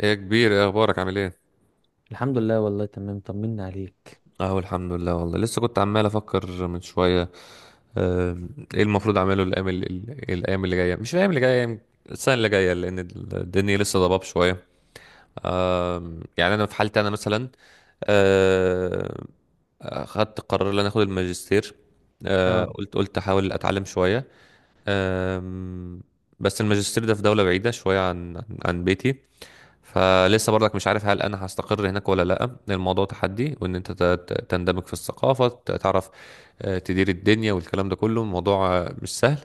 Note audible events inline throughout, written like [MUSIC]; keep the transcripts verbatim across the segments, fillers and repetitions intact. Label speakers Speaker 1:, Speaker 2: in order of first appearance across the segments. Speaker 1: ايه يا كبير، ايه اخبارك؟ عامل ايه؟
Speaker 2: الحمد لله، والله تمام، طمنا عليك.
Speaker 1: اهو الحمد لله، والله لسه كنت عمال افكر من شويه. آم، ايه المفروض اعمله الايام ال- ال- الايام اللي جايه، مش الايام اللي جايه، يعني السنه اللي جايه، لان الدنيا لسه ضباب شويه. يعني انا في حالتي انا مثلا، آه، اخدت قرار ان انا اخد الماجستير. آه،
Speaker 2: اه
Speaker 1: قلت قلت احاول اتعلم شويه. آم، بس الماجستير ده في دوله بعيده شويه عن عن عن بيتي. فلسه برضك مش عارف هل انا هستقر هناك ولا لا، الموضوع تحدي، وان انت ت- ت- تندمج في الثقافة، ت- تعرف، آه، تدير الدنيا والكلام ده كله، الموضوع آه، مش سهل.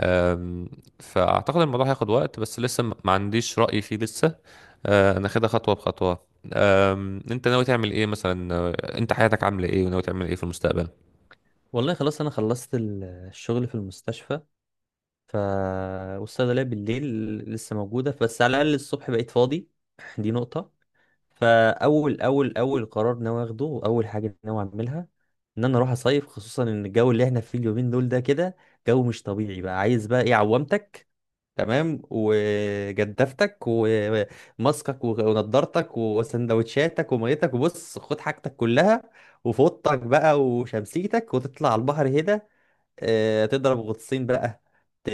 Speaker 1: آم، فاعتقد الموضوع هياخد وقت، بس لسه م- ما عنديش رأي فيه لسه. آه، انا خدها خطوة بخطوة. آم، انت ناوي تعمل ايه مثلا؟ آه، انت حياتك عاملة ايه، وناوي تعمل ايه في المستقبل؟
Speaker 2: والله، خلاص. انا خلصت ال- الشغل في المستشفى. ف والصيدليه بالليل لسه موجوده، بس على الاقل الصبح بقيت فاضي. [CLEARS THROAT] [LAUGHS] دي نقطه. فاول اول اول قرار ناوي اخده، واول حاجه ناوي اعملها، ان انا اروح اصيف، خصوصا ان الجو اللي احنا فيه اليومين دول ده كده جو مش طبيعي. بقى عايز بقى ايه؟ عوامتك تمام، وجدافتك، وماسكك، ونضارتك، وسندوتشاتك، وميتك، وبص خد حاجتك كلها، وفوطك بقى وشمسيتك، وتطلع على البحر هنا. آه، تضرب غطسين بقى. ت-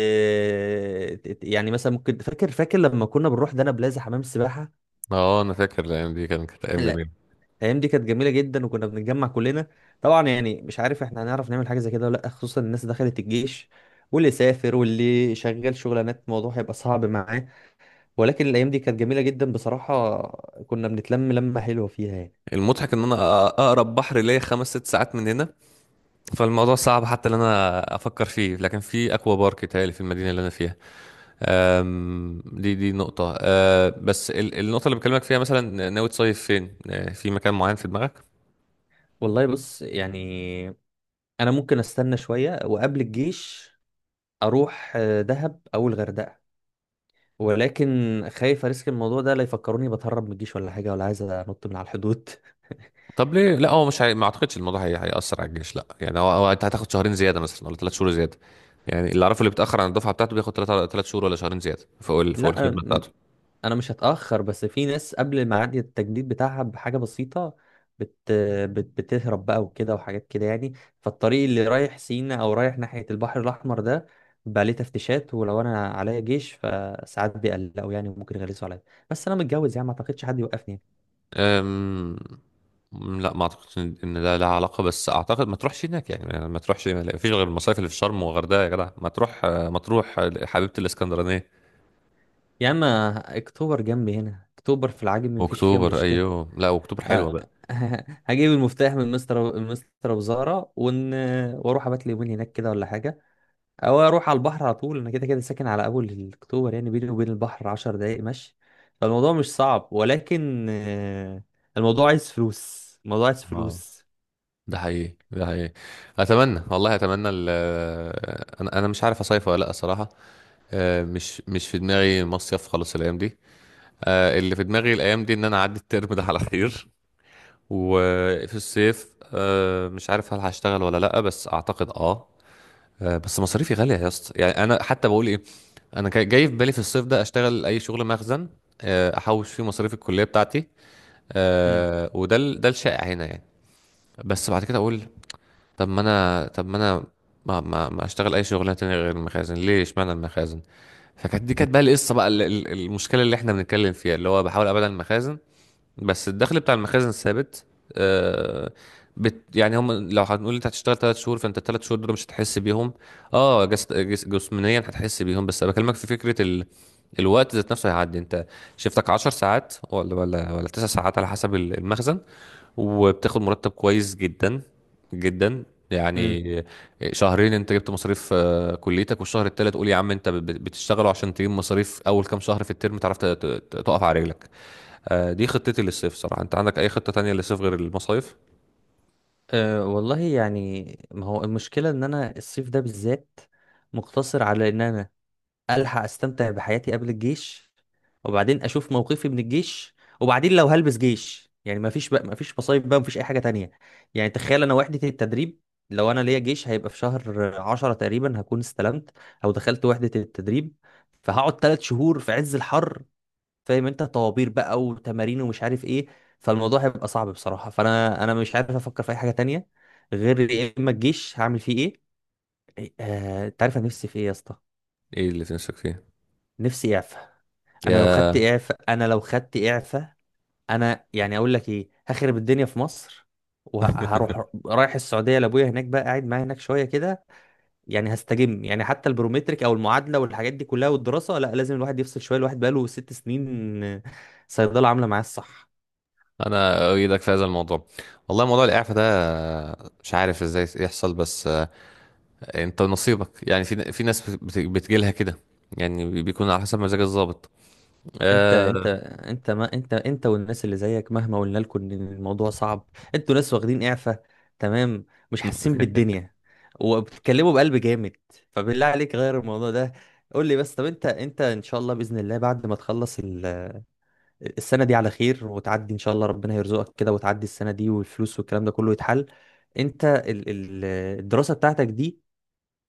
Speaker 2: ت- يعني مثلا ممكن، فاكر فاكر لما كنا بنروح دهب بلازا حمام السباحة؟
Speaker 1: اه، انا فاكر الايام دي، كانت كانت ايام
Speaker 2: لا،
Speaker 1: جميله.
Speaker 2: الايام دي كانت جميلة جدا، وكنا بنتجمع كلنا. طبعا يعني مش عارف احنا هنعرف نعمل حاجة زي كده ولا لا، خصوصا الناس دخلت الجيش، واللي سافر، واللي شغال شغلانات، الموضوع هيبقى صعب معاه. ولكن الايام دي كانت جميله جدا بصراحه، كنا بنتلم لمه حلوه فيها يعني.
Speaker 1: المضحك ان انا أ- اقرب بحر ليا خمس ست ساعات من هنا، فالموضوع صعب حتى ان انا افكر فيه، لكن في اكوا بارك تهيألي في المدينه اللي انا فيها. أم، دي دي نقطه. أه، بس ال- النقطه اللي بكلمك فيها، مثلا ناوي تصيف فين؟ أه، في مكان معين في دماغك؟
Speaker 2: والله بص، يعني انا ممكن استنى شويه. وقبل الجيش اروح آه، دهب او الغردقه، ولكن خايف اريسك الموضوع ده، لا يفكروني بتهرب من الجيش ولا حاجه، ولا عايز انط من على الحدود.
Speaker 1: طب ليه لا؟ هو مش هي... ما اعتقدش الموضوع هي... هيأثر على الجيش، لا يعني هو... هو انت هتاخد شهرين زياده مثلا ولا ثلاث شهور زياده. يعني اللي اعرفه، اللي بيتأخر عن الدفعه بتاعته بياخد ثلاث ثلاث شهور ولا شهرين زياده فوق
Speaker 2: [LAUGHS]
Speaker 1: ال... فوق
Speaker 2: لا،
Speaker 1: الخدمه بتاعته.
Speaker 2: انا مش هتاخر، بس في ناس قبل ميعاد التجديد بتاعها بحاجه بسيطه بت... بت... بتهرب بقى، وكده، وحاجات كده يعني. فالطريق اللي رايح سينا او رايح ناحيه البحر الاحمر ده بقى ليه تفتيشات، ولو انا عليا جيش فساعات بيقلقوا يعني، وممكن يغلسوا عليا. بس انا متجوز، يعني ما اعتقدش حد يوقفني.
Speaker 1: أم... لا، ما اعتقدش ان إن ده لها علاقه، بس اعتقد ما تروحش هناك، يعني يعني ما تروحش، ما فيش غير المصايف اللي في شرم والغردقه، يا جدع ما تروح ما تروح حبيبه الاسكندرانيه.
Speaker 2: يعني يا عم، اكتوبر جنبي هنا، اكتوبر في العجمي مفيش فيها
Speaker 1: اكتوبر،
Speaker 2: مشكله.
Speaker 1: ايوه، لا اكتوبر حلوه
Speaker 2: أه،
Speaker 1: بقى.
Speaker 2: [LAUGHS] هجيب المفتاح من مستر مستر وزاره ون... واروح ابات لي يومين هناك كده ولا حاجه، او اروح على البحر على طول. انا كده كده ساكن على اول اكتوبر، يعني بيني وبين البحر عشر دقايق مشي. فالموضوع مش صعب، ولكن آه، الموضوع عايز فلوس، الموضوع عايز
Speaker 1: اه،
Speaker 2: فلوس.
Speaker 1: ده حقيقي، ده حقيقي. اتمنى والله، اتمنى ال... انا انا مش عارف اصيف ولا لا الصراحه. آه، مش مش في دماغي مصيف خالص الايام دي. آه، اللي في دماغي الايام دي ان انا اعدي الترم ده على خير، وفي الصيف آه، مش عارف هل هشتغل ولا لا، بس اعتقد اه. آه، بس مصاريفي غالية يا اسطى، يعني انا حتى بقول ايه، انا كا- جاي في بالي في الصيف ده اشتغل اي شغل مخزن، آه، احوش فيه مصاريف الكلية بتاعتي،
Speaker 2: امم
Speaker 1: آه، وده ال- ده الشائع هنا يعني. بس بعد كده اقول، طب ما انا طب ما انا ما ما, ما اشتغل اي شغلانه تانية غير المخازن؟ ليه اشمعنى المخازن؟ فكانت دي، كانت بقى القصة بقى، ال- ال- المشكلة اللي احنا بنتكلم فيها، اللي هو بحاول ابعد عن المخازن. بس الدخل بتاع المخازن ثابت. آه بت يعني، هم لو هنقول انت هتشتغل ثلاث شهور، فانت الثلاث شهور دول مش هتحس بيهم. اه جس جس جسمانيا هتحس بيهم، بس انا بكلمك في فكره ال... الوقت ذات نفسه هيعدي. انت شفتك 10 ساعات ولا ولا ولا 9 ساعات على حسب ال- المخزن، وبتاخد مرتب كويس جدا جدا
Speaker 2: امم
Speaker 1: يعني. شهرين انت جبت مصاريف آه، كليتك، والشهر التالت قول يا عم انت بت- بتشتغله عشان تجيب مصاريف اول كام شهر في الترم، تعرف ت- ت- تقف على رجلك. آه، دي خطتي للصيف صراحة، انت عندك اي خطة تانية للصيف غير المصايف؟
Speaker 2: أه والله، يعني ما هو المشكلة ان انا الصيف ده بالذات مقتصر على ان انا الحق استمتع بحياتي قبل الجيش، وبعدين اشوف موقفي من الجيش. وبعدين لو هلبس جيش يعني ما فيش بقى، ما فيش مصايب بقى، ما فيش اي حاجه تانية. يعني تخيل، انا وحده التدريب لو انا ليا جيش هيبقى في شهر عشرة تقريبا، هكون استلمت او دخلت وحده التدريب، فهقعد ثلاث شهور في عز الحر، فاهم؟ انت طوابير بقى، وتمارين، ومش عارف ايه. فالموضوع هيبقى صعب بصراحه. فانا انا مش عارف افكر في اي حاجه تانية غير يا اما الجيش هعمل فيه ايه. إيه، آه، انت عارف انا نفسي في ايه يا اسطى؟
Speaker 1: ايه اللي تنسك فيه؟
Speaker 2: نفسي اعفى. انا لو خدت
Speaker 1: يا
Speaker 2: اعفاء، انا لو خدت اعفاء، انا يعني اقول لك ايه، هخرب الدنيا في مصر، وهروح رايح السعوديه لابويا، هناك بقى قاعد معايا هناك شويه كده. يعني هستجم، يعني حتى البرومتريك او المعادله والحاجات دي كلها والدراسه، لا، لازم الواحد يفصل شويه. الواحد بقاله ست سنين آه، صيدله، عامله معاه الصح.
Speaker 1: انا اؤيدك في هذا الموضوع. والله موضوع الاعفاء ده آه، مش عارف ازاي يحصل، بس آه، انت نصيبك يعني، في في ناس بت- بتجيلها كده، يعني بي- بيكون على حسب مزاج الضابط.
Speaker 2: انت انت
Speaker 1: آه،
Speaker 2: انت ما انت انت والناس اللي زيك مهما قلنا لكم ان الموضوع صعب، انتوا ناس واخدين اعفاء، تمام، مش حاسين بالدنيا، وبتتكلموا بقلب جامد. فبالله عليك غير الموضوع ده. قول لي بس، طب انت انت ان شاء الله باذن الله، بعد ما تخلص ال- السنه دي على خير، وتعدي ان شاء الله ربنا يرزقك كده، وتعدي السنه دي والفلوس والكلام ده كله يتحل، انت ال- ال- الدراسه بتاعتك دي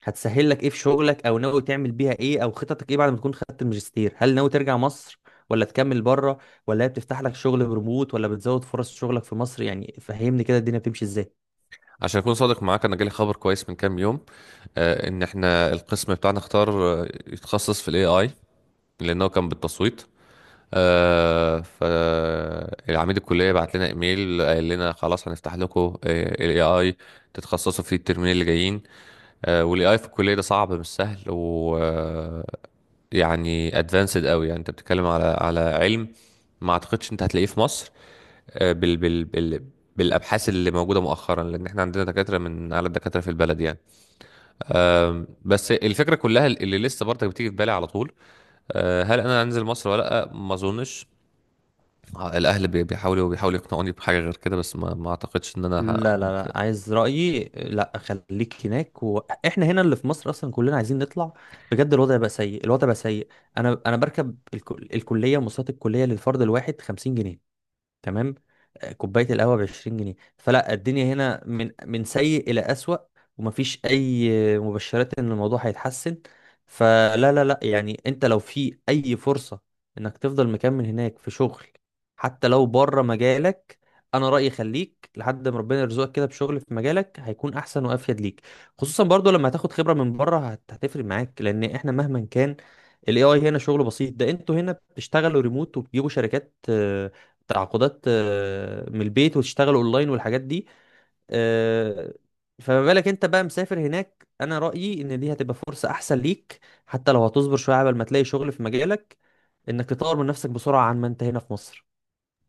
Speaker 2: هتسهل لك ايه في شغلك؟ او ناوي تعمل بيها ايه؟ او خططك ايه بعد ما تكون خدت الماجستير؟ هل ناوي ترجع مصر، ولا تكمل بره، ولا هي بتفتح لك شغل بريموت، ولا بتزود فرص شغلك في مصر؟ يعني فهمني كده الدنيا بتمشي ازاي.
Speaker 1: عشان اكون صادق معاك، انا جالي خبر كويس من كام يوم، آه، ان احنا القسم بتاعنا اختار آه، يتخصص في الاي اي، لانه كان بالتصويت. آه فالعميد الكلية بعت لنا ايميل، قال لنا خلاص هنفتح لكم الاي اي تتخصصوا فيه الترمين اللي جايين. آه والاي اي في الكلية ده صعب، مش سهل، و آه، يعني ادفانسد قوي، يعني انت بتتكلم على على علم ما اعتقدش انت هتلاقيه في مصر، آه، بال بال بال بالابحاث اللي موجوده مؤخرا، لان احنا عندنا دكاتره من اعلى الدكاتره في البلد يعني. أم، بس الفكره كلها اللي لسه برضك بتيجي في بالي على طول، آه، هل انا هنزل مصر ولا لا؟ ما اظنش. آه، الاهل بي- بيحاولوا بيحاولوا يقنعوني بحاجه غير كده، بس ما, ما اعتقدش ان انا ه...
Speaker 2: لا لا لا، عايز رأيي؟ لا، خليك هناك. واحنا هنا اللي في مصر اصلا كلنا عايزين نطلع، بجد. الوضع بقى سيء، الوضع بقى سيء. انا انا بركب الكل... الكليه، مواصلات الكليه للفرد الواحد خمسين جنيه، تمام، آه، كوبايه القهوه ب عشرين جنيه. فلا الدنيا هنا من من سيء الى اسوأ، ومفيش اي مبشرات ان الموضوع هيتحسن. فلا لا لا، يعني انت لو في اي فرصه انك تفضل مكمل هناك في شغل، حتى لو بره مجالك، انا رايي خليك لحد ما ربنا يرزقك كده بشغل في مجالك، هيكون احسن وافيد ليك. خصوصا برضو لما هتاخد خبره من بره، هت- هتفرق معاك، لان احنا مهما كان الاي اي هنا شغله بسيط. ده انتوا هنا بتشتغلوا ريموت، وبتجيبوا شركات، آه، تعاقدات، آه، من البيت، وتشتغل اونلاين والحاجات دي. آه، فما بالك انت بقى مسافر هناك؟ انا رأيي ان دي هتبقى فرصة احسن ليك، حتى لو هتصبر شوية قبل ما تلاقي شغل في مجالك، انك تطور من نفسك بسرعة عن ما انت هنا في مصر.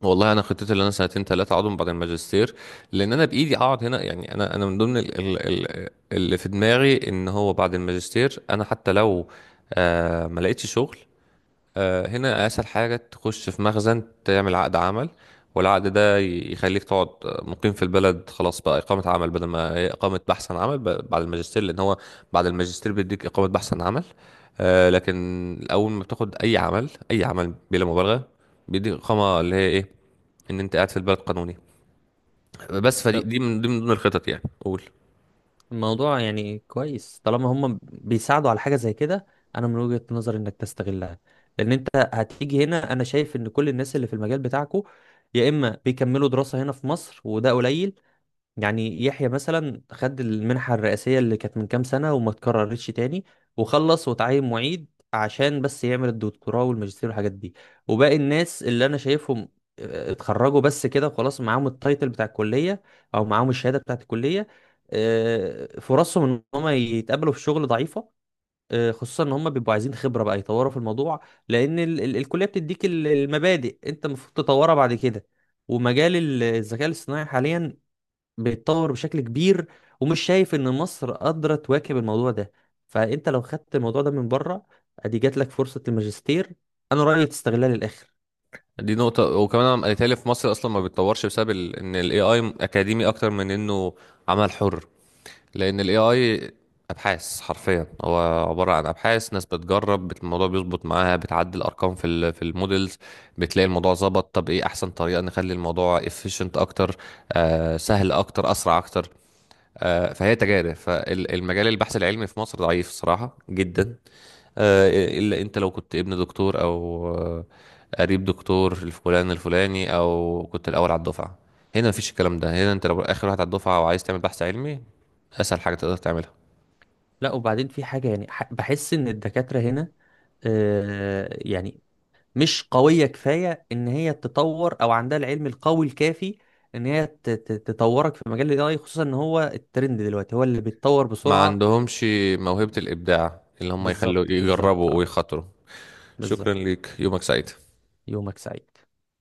Speaker 1: والله انا خطتي اللي انا سنتين ثلاثه اقعدهم بعد الماجستير، لان انا بايدي اقعد هنا، يعني انا انا من ضمن ال... ال... ال... اللي في دماغي ان هو بعد الماجستير، انا حتى لو آه ما لقيتش شغل، آه، هنا اسهل حاجه تخش في مخزن، تعمل عقد عمل، والعقد ده ي- يخليك تقعد مقيم في البلد، خلاص بقى اقامه عمل بدل ما هي اقامه بحث عن عمل ب- بعد الماجستير، لان هو بعد الماجستير بيديك اقامه بحث عن عمل. آه، لكن اول ما بتاخد اي عمل، اي عمل بلا مبالغه، بيديك اقامه اللي هي ايه، ان انت قاعد في البلد قانوني. بس فدي
Speaker 2: طب
Speaker 1: دي من دي من ضمن الخطط، يعني قول.
Speaker 2: الموضوع يعني كويس، طالما هم بيساعدوا على حاجة زي كده، انا من وجهة نظري انك تستغلها. لان انت هتيجي هنا، انا شايف ان كل الناس اللي في المجال بتاعكو يا اما بيكملوا دراسة هنا في مصر، وده قليل، يعني يحيى مثلا خد المنحة الرئاسية اللي كانت من كام سنة وما اتكررتش تاني، وخلص وتعين معيد عشان بس يعمل الدكتوراه والماجستير والحاجات دي. وباقي الناس اللي انا شايفهم آه، اتخرجوا بس كده وخلاص، معاهم التايتل بتاع الكلية او معاهم الشهادة بتاعت الكلية. آه، فرصهم ان هم يتقابلوا في شغل ضعيفة، آه، خصوصا ان هم بيبقوا عايزين خبرة بقى يطوروا في الموضوع، لان ال- ال- الكلية بتديك ال- المبادئ، انت المفروض تطورها بعد كده. ومجال الذكاء الاصطناعي حاليا بيتطور بشكل كبير، ومش شايف ان مصر قادره تواكب الموضوع ده. فانت لو خدت الموضوع ده من بره، ادي جات لك فرصه الماجستير، انا رايي تستغلها للاخر.
Speaker 1: دي نقطة، وكمان انا قالت لي في مصر اصلا ما بيتطورش، بسبب ال- ان الاي اي اكاديمي اكتر من انه عمل حر. لان الاي اي ابحاث حرفيا، هو عباره عن ابحاث، ناس بتجرب، بت- الموضوع بيظبط معاها، بتعدل ارقام في ال في المودلز، بتلاقي الموضوع ظبط، طب ايه احسن طريقه نخلي الموضوع efficient اكتر، آه سهل اكتر، اسرع اكتر. آه فهي تجارب، فالمجال، البحث العلمي في مصر ضعيف صراحه جدا، آه، الا انت لو كنت ابن دكتور او آه، قريب دكتور الفلان الفلاني، او كنت الاول على الدفعه. هنا مفيش الكلام ده، هنا انت لو اخر واحد على الدفعه وعايز تعمل بحث علمي، اسهل حاجه تقدر تعملها.
Speaker 2: لا، وبعدين في حاجه يعني، ح- بحس ان الدكاتره هنا آه يعني مش قويه كفايه ان هي تطور، او عندها العلم القوي الكافي ان هي ت- ت- تطورك في مجال الاي اي، خصوصا ان هو الترند دلوقتي هو اللي بيتطور
Speaker 1: ما
Speaker 2: بسرعه.
Speaker 1: عندهمش موهبه الابداع اللي هم يخلوا
Speaker 2: بالظبط، بالظبط،
Speaker 1: يجربوا
Speaker 2: اه،
Speaker 1: ويخاطروا. شكرا
Speaker 2: بالظبط.
Speaker 1: ليك، يومك سعيد.
Speaker 2: يومك سعيد.